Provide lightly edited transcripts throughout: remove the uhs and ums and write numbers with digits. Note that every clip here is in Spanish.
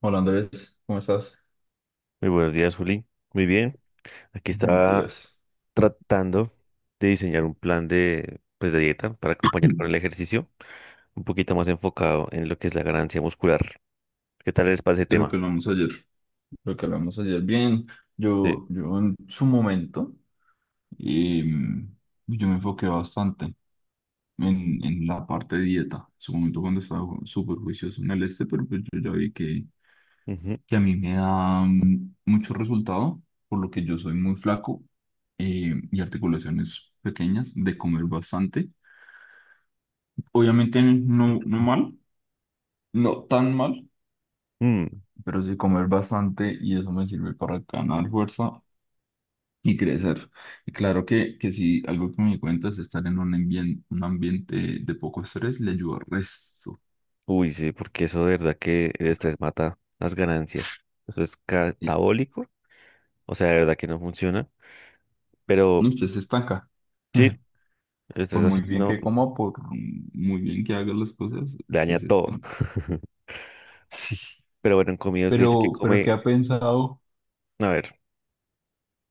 Hola Andrés, ¿cómo estás? Muy buenos días, Juli. Muy bien. Aquí Buenos estaba días. tratando de diseñar un plan de, pues, de dieta para acompañar con el ejercicio, un poquito más enfocado en lo que es la ganancia muscular. ¿Qué tal les pasa ese De lo que tema? hablamos ayer. Lo que hablamos ayer. Bien, Sí. yo en su momento, em, yo me enfoqué bastante en la parte de dieta. En su momento cuando estaba súper juicioso en el este, pero pues yo ya vi que, Ujú. que a mí me da mucho resultado, por lo que yo soy muy flaco, y articulaciones pequeñas, de comer bastante. Obviamente no, no mal, no tan mal, Mm. pero sí comer bastante y eso me sirve para ganar fuerza y crecer. Y claro que sí, algo que me di cuenta es estar en un un ambiente de poco estrés le ayuda al resto. Uy, sí, porque eso de verdad que el estrés mata las ganancias. Eso es Eh, catabólico. O sea, de verdad que no funciona. Pero no, usted se estanca. sí, el Por estrés muy bien asesino que coma, por muy bien que haga las cosas, le usted daña se todo. estanca. Sí. Pero bueno, en comida usted dice que Pero ¿qué come, ha pensado? a ver,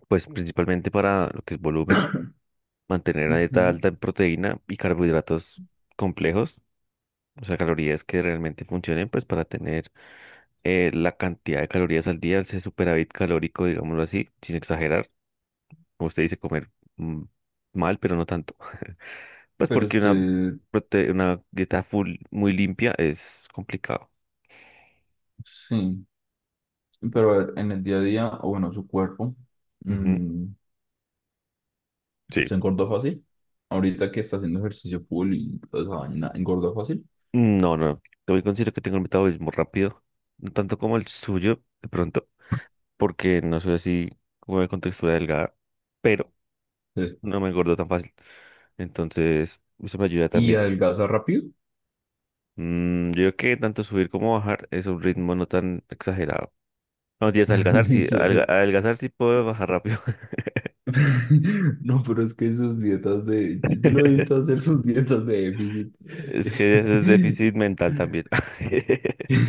pues principalmente para lo que es volumen. Mantener una dieta Ujú. alta en proteína y carbohidratos complejos, o sea, calorías que realmente funcionen, pues para tener la cantidad de calorías al día, ese superávit calórico, digámoslo así, sin exagerar, como usted dice, comer mm, mal, pero no tanto. Pues Pero porque una, usted, prote- una dieta full muy limpia es complicado. sí, pero a ver, en el día a día, o bueno, su cuerpo. Ujú, mm, ¿Se sí. engordó fácil? Ahorita que está haciendo ejercicio full y toda esa vaina, ¿engordó fácil? No, no, yo considero que tengo un metabolismo rápido, no tanto como el suyo, de pronto, porque no soy así como de contextura delgada, pero Sí. no me engordo tan fácil. Entonces, eso me ayuda ¿Y también. adelgaza rápido? Yo creo que tanto subir como bajar es un ritmo no tan exagerado. No, tienes adelgazar, sí, adelga- Entonces, adelgazar sí puedo bajar rápido. no, pero es que sus dietas de, yo lo he visto hacer sus dietas de déficit. Es que eso es déficit mental también.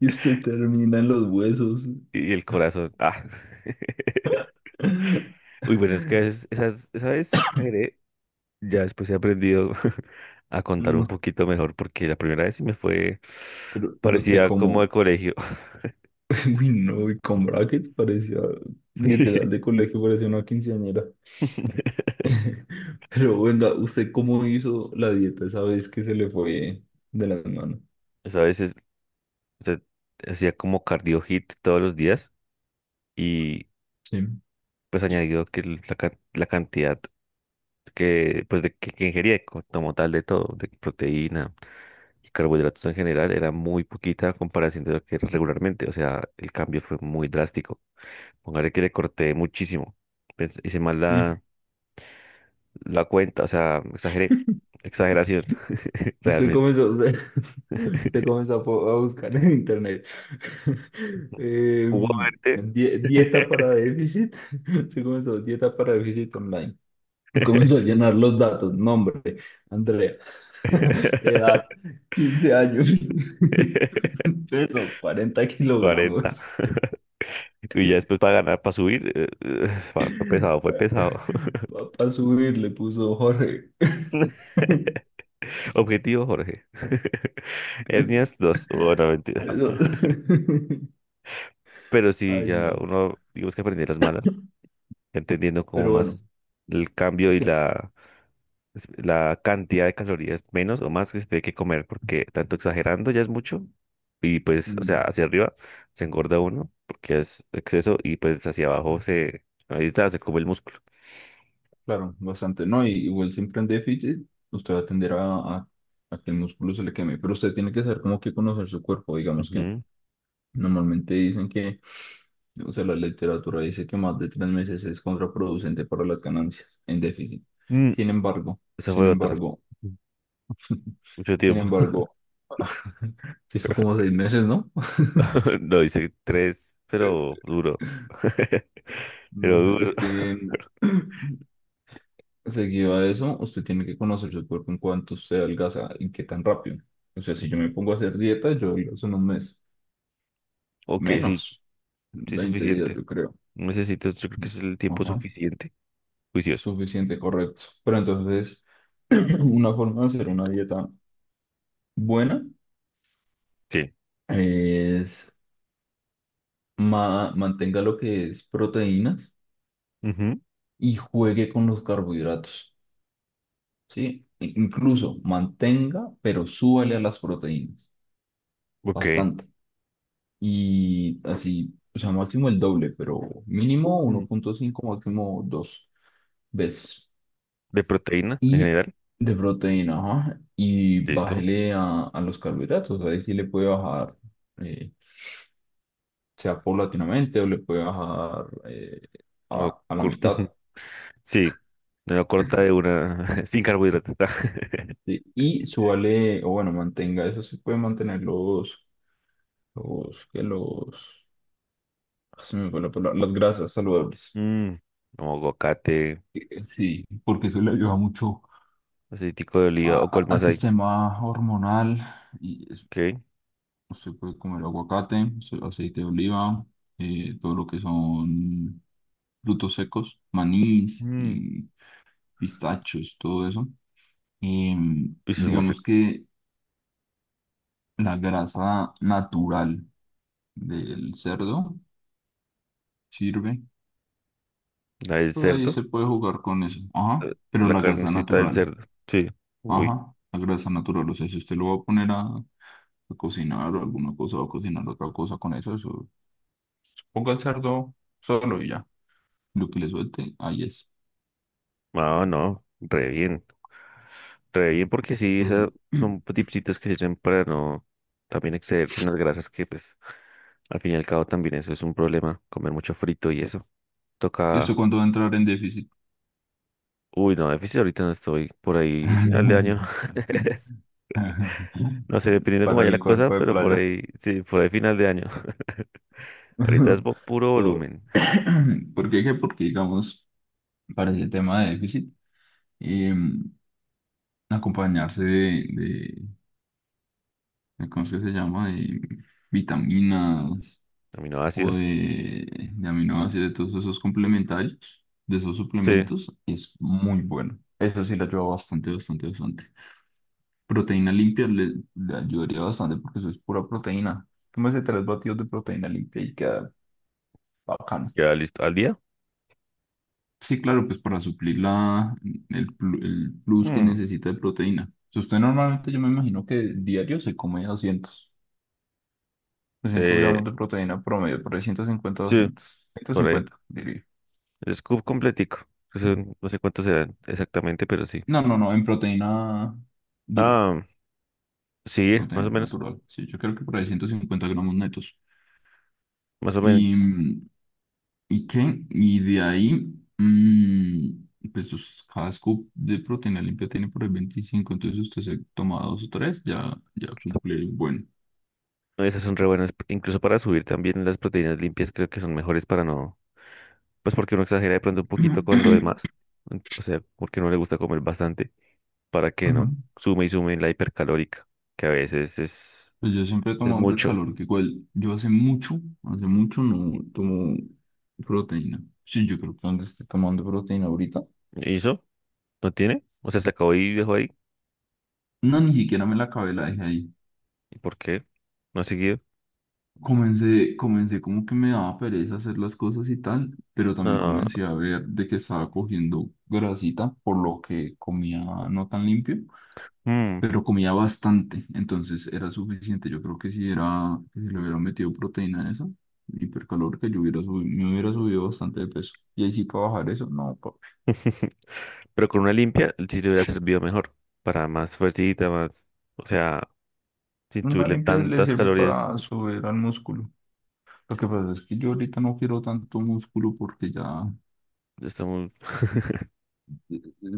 Y usted termina en los huesos. Y el corazón. Ah. Uy, bueno, es que a veces, esas, esa vez sí exageré. Ya después he aprendido a contar un No, poquito mejor porque la primera vez sí me fue, pero usted parecía como de como, colegio. uy, no, y con brackets parecía, literal Sí. de colegio, parecía una quinceañera. Pero bueno, ¿usted cómo hizo la dieta esa vez que se le fue de las manos? O sea, a veces usted hacía como cardio hit todos los días y Sí. pues añadido que la cantidad que pues de que ingería como tal de todo, de proteína y carbohidratos en general era muy poquita a comparación de lo que era regularmente, o sea, el cambio fue muy drástico. Póngale que le corté muchísimo. Hice mal Mm, la cuenta, o sea, exageré. Exageración, usted realmente. comenzó, usted comenzó a buscar en internet, eh, Hugo Verte. Dieta para déficit. Usted comenzó dieta para déficit online. Comenzó a llenar los datos, nombre, Andrea, edad, 15 años, peso, 40 40. kilogramos. Y ya después para ganar, para subir, fue pesado, fue pesado. Papá subir, le puso Jorge. Objetivo, Jorge. Hernias, dos, bueno, mentira. Eso, Pero sí, ay, ya no. uno, digamos que aprendí las malas, entendiendo como Pero bueno, más el cambio es y que, la cantidad de calorías menos o más que se tiene que comer, porque tanto exagerando ya es mucho. Y pues, o sea, mm, hacia arriba se engorda uno porque es exceso y pues hacia abajo se, ahí está, se come el músculo. claro, bastante, ¿no? Y igual siempre en déficit, usted va a tender a que el músculo se le queme, pero usted tiene que saber cómo que conocer su cuerpo. Digamos que Ujú. normalmente dicen que, o sea, la literatura dice que más de 3 meses es contraproducente para las ganancias en déficit. Mm, Sin embargo, Esa sin fue otra. embargo, Mucho Sin tiempo. embargo, se hizo como 6 meses, ¿no? No, hice tres, pero duro. Pero No, duro. es que seguido a eso, usted tiene que conocer su cuerpo en cuanto usted adelgaza y qué tan rápido. O sea, si yo Ujú. me pongo a hacer dieta, yo adelgazo en un mes, Ok, sí, menos, sí, 20 días, suficiente. yo creo. No necesitas, yo creo que es el tiempo Ajá, suficiente. Juicioso. suficiente, correcto. Pero entonces, una forma de hacer una dieta buena Sí. es mantenga lo que es proteínas Ujú. y juegue con los carbohidratos. ¿Sí? Incluso mantenga, pero súbale a las proteínas, Ok. bastante. Y así, o sea, máximo el doble, pero mínimo uno Mm. punto cinco máximo 2 veces. De proteína en Y general. de proteína, ajá, y Listo. bájele a los carbohidratos, ahí sí le puede bajar, eh, sea paulatinamente o le puede bajar, No a la cur- mitad. sí. Me lo corta de una. Sin carbohidratos. ¿Sí? Y súbale, o bueno, mantenga, eso se puede mantener los, que los, se me fue la palabra, las grasas saludables. Mm, Como aguacate, Sí, porque eso le ayuda mucho aceitico de a- oliva o cuál más al hay. sistema hormonal y es- Ok. usted puede comer aguacate, aceite de oliva, todo lo que son frutos secos, manís Mm. y pistachos, todo eso. Eso es muy Digamos rico. que la grasa natural del cerdo sirve. El Ahí cerdo. se puede jugar con eso. Ajá, eh, de pero la la grasa carnecita del natural. cerdo. Sí. Uy, Ajá, la grasa natural. O sea, si usted lo va a poner a cocinar o alguna cosa, va a cocinar otra cosa con eso, eso. Ponga el cerdo solo y ya. Lo que le suelte, ahí es. ah, no, re bien, porque sí, Es esas así. son tipsitos que se echan para no también excederse en las grasas, que pues al fin y al cabo también eso es un problema, comer mucho frito y eso. ¿Y usted Toca, cuándo va a entrar en déficit? uy, no, déficit ahorita no estoy, por ahí final de año. No sé, dependiendo cómo Para vaya la el cosa, cuerpo de pero por playa. ahí, sí, por ahí final de año. Ahorita es puro Por- volumen, ¿Por qué? Que Porque, digamos, para ese tema de déficit, em, acompañarse de, ¿cómo es que se llama? De vitaminas, o aminoácidos. de aminoácidos, de todos esos complementarios, de esos Sí, suplementos, es muy bueno. Eso sí le ayuda bastante, bastante, bastante. Proteína limpia le ayudaría bastante porque eso es pura proteína. Tómese tres batidos de proteína limpia y queda bacano. ya listo, al día. Sí, claro, pues para suplir el plus que Mm, necesita de proteína. Si usted normalmente, yo me imagino que diario se come doscientos eh, gramos de proteína promedio, por ahí 150, sí. 200, ciento Por ahí. cincuenta diría. El scoop completico. Que No sé cuántos serán exactamente, pero sí. No, no, no, en proteína dura, Ah, sí, más proteína o menos. natural. Sí, yo creo que por ahí 150 gramos netos. Más o ¿Y, menos. y qué? Y de ahí, pues sus, cada scoop de proteína limpia tiene por ahí 25, entonces usted se toma dos o tres, ya, ya cumple el buen. Esas son re buenas. Incluso para subir también las proteínas limpias creo que son mejores para no... Pues porque uno exagera de pronto un poquito con lo demás. O sea, porque no le gusta comer bastante para que Ajá. no sume y sume en la hipercalórica, que a veces es, Pues yo siempre he es tomado mucho. hipercalórico, igual yo hace mucho no tomo proteína. Sí, yo creo que donde esté tomando proteína ahorita. ¿Y eso? ¿No tiene? O sea, se acabó y dejó ahí. No, ni siquiera me la acabé, la dejé ahí. ¿Y por qué? ¿No ha seguido? Comencé, como que me daba pereza hacer las cosas y tal, pero también No. comencé a ver de que estaba cogiendo grasita, por lo que comía no tan limpio, Mm. pero comía bastante, entonces era suficiente. Yo creo que si era, que si le hubiera metido proteína a esa hipercalórica, yo me hubiera subido bastante de peso. Y ahí sí para bajar eso, no, papi. Pero con una limpia sí le hubiera servido mejor. Para más fuercita, más. O sea, sin Una subirle limpia le tantas sirve calorías. para subir al músculo. Lo que pasa es que yo ahorita no quiero tanto músculo porque ya, Está muy-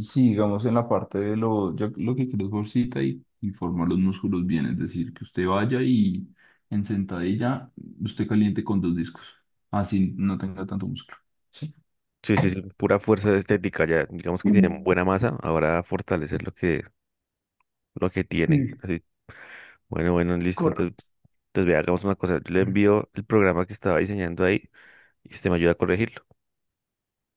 sí, digamos en la parte de lo, yo lo que quiero es bolsita y formar los músculos bien, es decir, que usted vaya y en sentadilla usted caliente con dos discos, así no tenga tanto músculo. Sí, Sí, sí, sí, pura fuerza estética. Ya, digamos que tiene mm, buena masa. Ahora fortalecer lo que tiene. mm, Así. Bueno, bueno, listo. Entonces, correcto. entonces vea, hagamos una cosa. Yo le envío el programa que estaba diseñando ahí y usted me ayuda a corregirlo.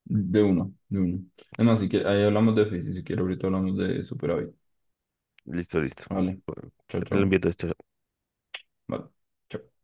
De uno, de uno. Además, si quiere, ahí hablamos de física, si quiere ahorita hablamos de superávit. Listo, listo. Listo. Vale, Bueno, chao, le chao. envío todo esto. Vale. Chao.